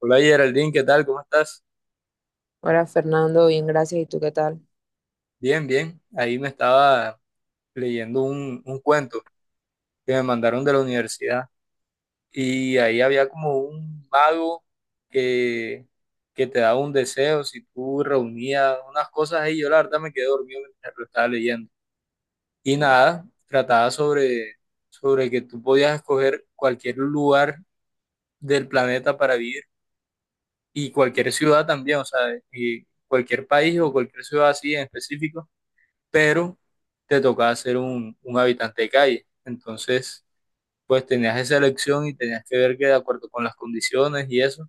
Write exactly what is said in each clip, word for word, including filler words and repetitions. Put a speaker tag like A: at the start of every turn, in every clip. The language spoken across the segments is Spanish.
A: Hola Geraldine, ¿qué tal? ¿Cómo estás?
B: Hola Fernando, bien, gracias. ¿Y tú qué tal?
A: Bien, bien. Ahí me estaba leyendo un, un cuento que me mandaron de la universidad y ahí había como un mago que, que te daba un deseo si tú reunías unas cosas ahí. Yo la verdad me quedé dormido mientras lo estaba leyendo. Y nada, trataba sobre, sobre que tú podías escoger cualquier lugar del planeta para vivir y cualquier ciudad también, o sea, y cualquier país o cualquier ciudad así en específico pero te tocaba ser un, un habitante de calle. Entonces, pues tenías esa elección y tenías que ver que de acuerdo con las condiciones y eso,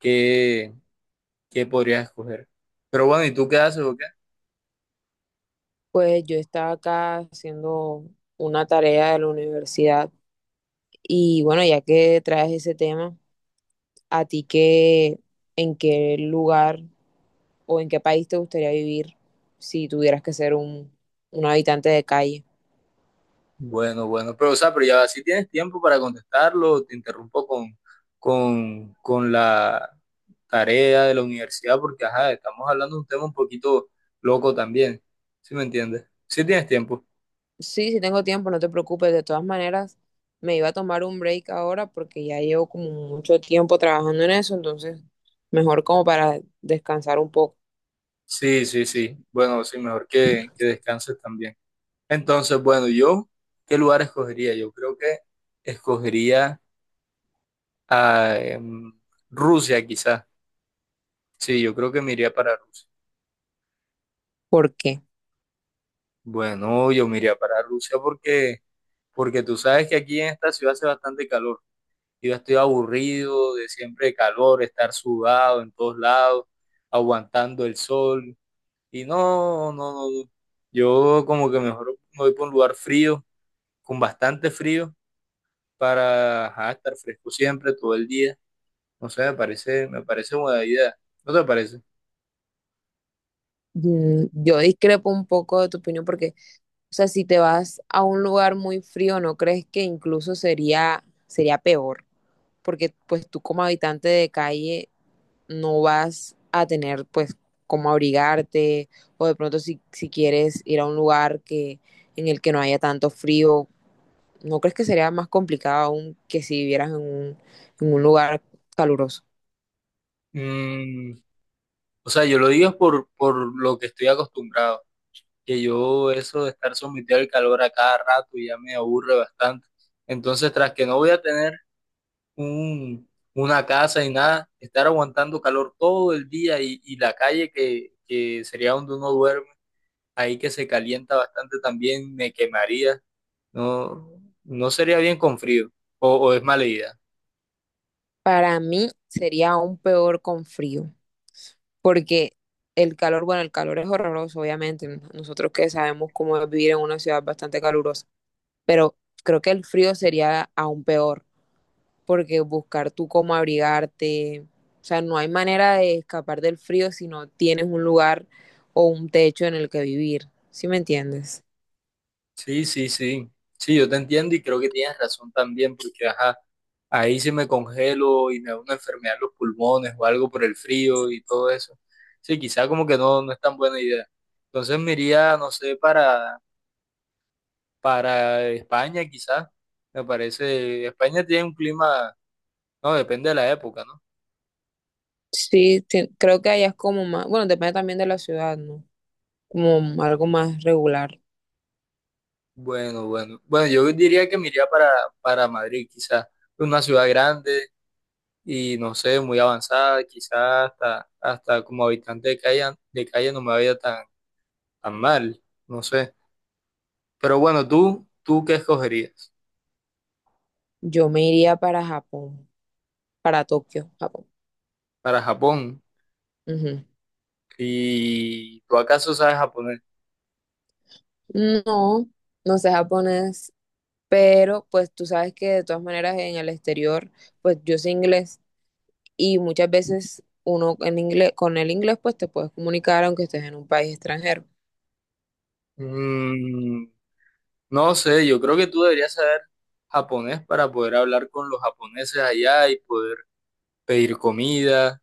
A: qué, qué podrías escoger. Pero bueno, ¿y tú qué haces o qué?
B: Pues yo estaba acá haciendo una tarea de la universidad y bueno, ya que traes ese tema, ¿a ti qué, en qué lugar o en qué país te gustaría vivir si tuvieras que ser un, un habitante de calle?
A: Bueno, bueno, pero o sea, pero ya si tienes tiempo para contestarlo, te interrumpo con, con, con la tarea de la universidad, porque ajá, estamos hablando de un tema un poquito loco también, ¿sí me entiendes? Si tienes tiempo.
B: Sí, sí tengo tiempo, no te preocupes. De todas maneras, me iba a tomar un break ahora porque ya llevo como mucho tiempo trabajando en eso, entonces mejor como para descansar un poco.
A: Sí, sí, sí. Bueno, sí, mejor que, que descanses también. Entonces, bueno, yo, ¿qué lugar escogería? Yo creo que escogería a em, Rusia, quizás. Sí, yo creo que me iría para Rusia.
B: ¿Por qué?
A: Bueno, yo me iría para Rusia porque, porque tú sabes que aquí en esta ciudad hace bastante calor. Yo estoy aburrido de siempre calor, estar sudado en todos lados, aguantando el sol. Y no, no, no, no. Yo como que mejor me voy por un lugar frío, con bastante frío, para ajá, estar fresco siempre, todo el día. No sé, me parece, me parece buena idea. ¿No te parece?
B: Mm, yo discrepo un poco de tu opinión porque, o sea, si te vas a un lugar muy frío, ¿no crees que incluso sería, sería peor? Porque pues tú como habitante de calle no vas a tener pues cómo abrigarte o de pronto si, si quieres ir a un lugar que, en el que no haya tanto frío, ¿no crees que sería más complicado aún que si vivieras en un, en un lugar caluroso?
A: Mm, o sea, yo lo digo es por, por lo que estoy acostumbrado, que yo eso de estar sometido al calor a cada rato ya me aburre bastante. Entonces, tras que no voy a tener un, una casa y nada, estar aguantando calor todo el día y, y la calle que, que sería donde uno duerme, ahí que se calienta bastante también, me quemaría. No, no sería bien con frío, o, o es mala idea.
B: Para mí sería aún peor con frío, porque el calor, bueno, el calor es horroroso, obviamente, n- nosotros que sabemos cómo es vivir en una ciudad bastante calurosa, pero creo que el frío sería aún peor, porque buscar tú cómo abrigarte, o sea, no hay manera de escapar del frío si no tienes un lugar o un techo en el que vivir, ¿sí me entiendes?
A: Sí, sí, sí. Sí, yo te entiendo y creo que tienes razón también, porque ajá, ahí si me congelo y me da una enfermedad en los pulmones o algo por el frío y todo eso. Sí, quizá como que no, no es tan buena idea. Entonces me iría, no sé, para, para España, quizá. Me parece, España tiene un clima, no, depende de la época, ¿no?
B: Sí, te- creo que allá es como más, bueno, depende también de la ciudad, ¿no? Como algo más regular.
A: Bueno, bueno. Bueno, yo diría que me iría para, para Madrid, quizá. Una ciudad grande y no sé, muy avanzada, quizás hasta, hasta como habitante de calle, de calle no me vaya tan, tan mal, no sé. Pero bueno, tú, ¿tú qué escogerías
B: Yo me iría para Japón, para Tokio, Japón.
A: para Japón?
B: Ujú.
A: ¿Y tú acaso sabes japonés?
B: No, no sé japonés, pero pues tú sabes que de todas maneras en el exterior, pues yo sé inglés y muchas veces uno en inglés, con el inglés pues te puedes comunicar aunque estés en un país extranjero.
A: Mm, no sé, yo creo que tú deberías saber japonés para poder hablar con los japoneses allá y poder pedir comida,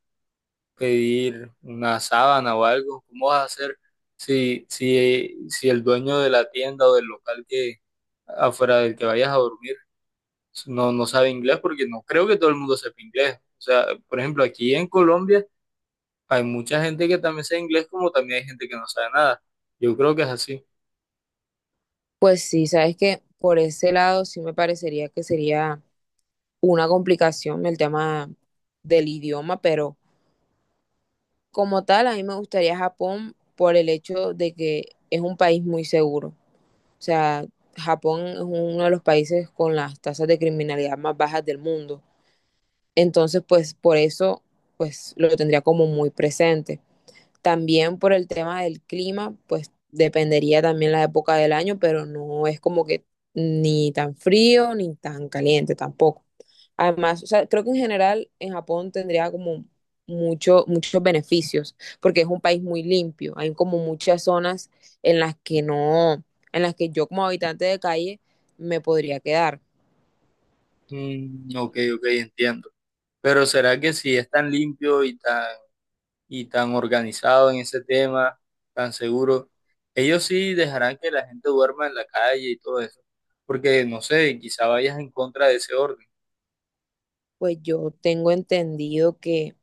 A: pedir una sábana o algo. ¿Cómo vas a hacer si, si, si el dueño de la tienda o del local que afuera del que vayas a dormir no, no sabe inglés? Porque no creo que todo el mundo sepa inglés. O sea, por ejemplo, aquí en Colombia hay mucha gente que también sabe inglés como también hay gente que no sabe nada. Yo creo que es así.
B: Pues sí, sabes que por ese lado sí me parecería que sería una complicación el tema del idioma, pero como tal a mí me gustaría Japón por el hecho de que es un país muy seguro. O sea, Japón es uno de los países con las tasas de criminalidad más bajas del mundo. Entonces, pues por eso, pues lo tendría como muy presente. También por el tema del clima, pues dependería también la época del año, pero no es como que ni tan frío ni tan caliente tampoco. Además, o sea, creo que en general en Japón tendría como mucho, muchos beneficios, porque es un país muy limpio. Hay como muchas zonas en las que no, en las que yo como habitante de calle me podría quedar.
A: Mm, ok, ok, entiendo. Pero ¿será que si es tan limpio y tan, y tan organizado en ese tema, tan seguro, ellos sí dejarán que la gente duerma en la calle y todo eso? Porque, no sé, quizá vayas en contra de ese orden.
B: Pues yo tengo entendido que,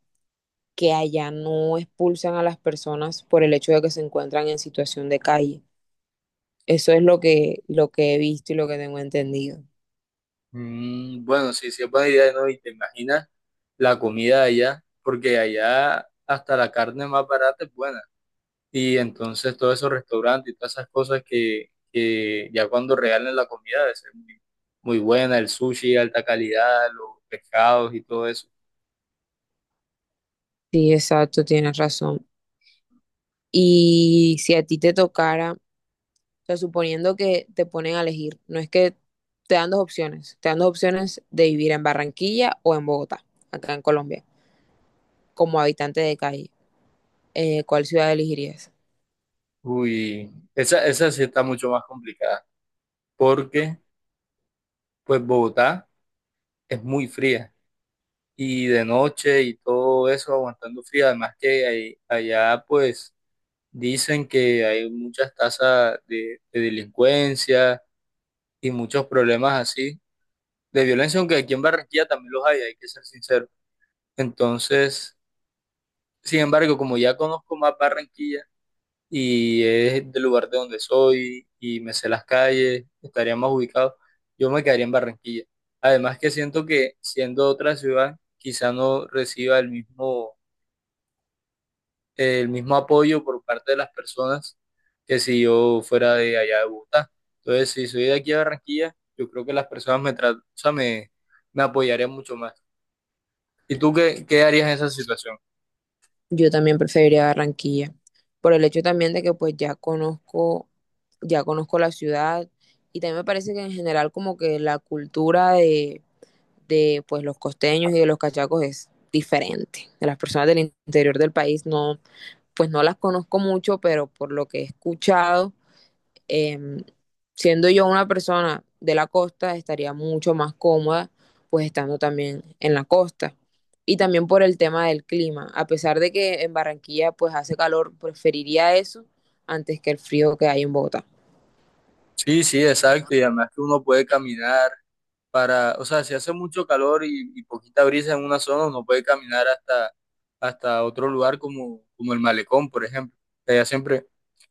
B: que allá no expulsan a las personas por el hecho de que se encuentran en situación de calle. Eso es lo que, lo que he visto y lo que tengo entendido.
A: Mm, bueno, sí, sí es buena idea, ¿no? Y te imaginas la comida de allá, porque allá hasta la carne más barata es buena. Y entonces todos esos restaurantes y todas esas cosas que, que ya cuando regalen la comida debe ser muy, muy buena, el sushi, alta calidad, los pescados y todo eso.
B: Sí, exacto, tienes razón. Y si a ti te tocara, o sea, suponiendo que te ponen a elegir, no es que te dan dos opciones, te dan dos opciones de vivir en Barranquilla o en Bogotá, acá en Colombia, como habitante de calle. Eh, ¿cuál ciudad elegirías?
A: Uy, esa, esa sí está mucho más complicada, porque pues Bogotá es muy fría y de noche y todo eso aguantando frío, además que ahí- allá pues dicen que hay muchas tasas de de delincuencia y muchos problemas así de violencia, aunque aquí en Barranquilla también los hay, hay que ser sincero. Entonces, sin embargo, como ya conozco más Barranquilla y es del lugar de donde soy y me sé las calles, estaría más ubicado, yo me quedaría en Barranquilla. Además que siento que siendo otra ciudad, quizá no reciba el mismo el mismo apoyo por parte de las personas que si yo fuera de allá de Bogotá. Entonces, si soy de aquí a Barranquilla, yo creo que las personas me, tra- o sea, me, me apoyarían mucho más. ¿Y tú qué, qué harías en esa situación?
B: Yo también preferiría Barranquilla, por el hecho también de que pues ya conozco, ya conozco la ciudad y también me parece que en general como que la cultura de de pues los costeños y de los cachacos es diferente. De las personas del interior del país no, pues no las conozco mucho, pero por lo que he escuchado, eh, siendo yo una persona de la costa, estaría mucho más cómoda pues estando también en la costa. Y también por el tema del clima. A pesar de que en Barranquilla pues hace calor, preferiría eso antes que el frío que hay en Bogotá.
A: Sí, sí, exacto. Y además que uno puede caminar para, o sea, si hace mucho calor y, y poquita brisa en una zona, uno puede caminar hasta, hasta otro lugar como, como el malecón, por ejemplo. Allá siempre,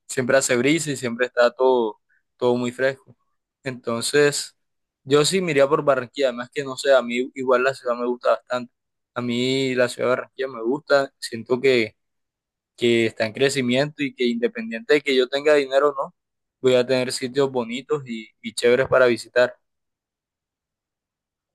A: siempre hace brisa y siempre está todo, todo muy fresco. Entonces, yo sí me iría por Barranquilla, además que no sé, a mí igual la ciudad me gusta bastante. A mí la ciudad de Barranquilla me gusta, siento que, que está en crecimiento y que independiente de que yo tenga dinero o no, voy a tener sitios bonitos y, y chéveres para visitar.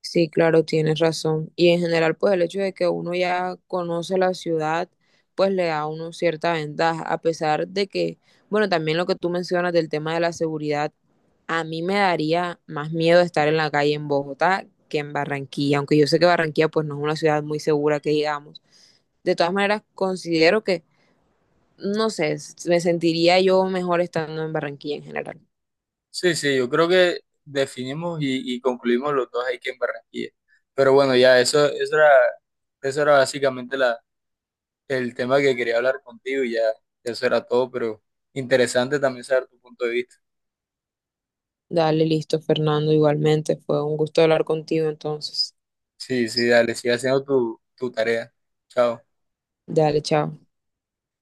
B: Sí, claro, tienes razón. Y en general, pues el hecho de que uno ya conoce la ciudad, pues le da a uno cierta ventaja, a pesar de que, bueno, también lo que tú mencionas del tema de la seguridad, a mí me daría más miedo estar en la calle en Bogotá que en Barranquilla, aunque yo sé que Barranquilla pues no es una ciudad muy segura que digamos. De todas maneras, considero que, no sé, s- me sentiría yo mejor estando en Barranquilla en general.
A: Sí, sí, yo creo que definimos y, y concluimos los dos ahí que en Barranquilla. Pero bueno, ya eso, eso era, eso era básicamente el tema que quería hablar contigo y ya, eso era todo, pero interesante también saber tu punto de vista.
B: Dale, listo, Fernando, igualmente, fue un gusto hablar contigo entonces.
A: Sí, sí, dale, sigue haciendo tu, tu tarea. Chao.
B: Dale, chao.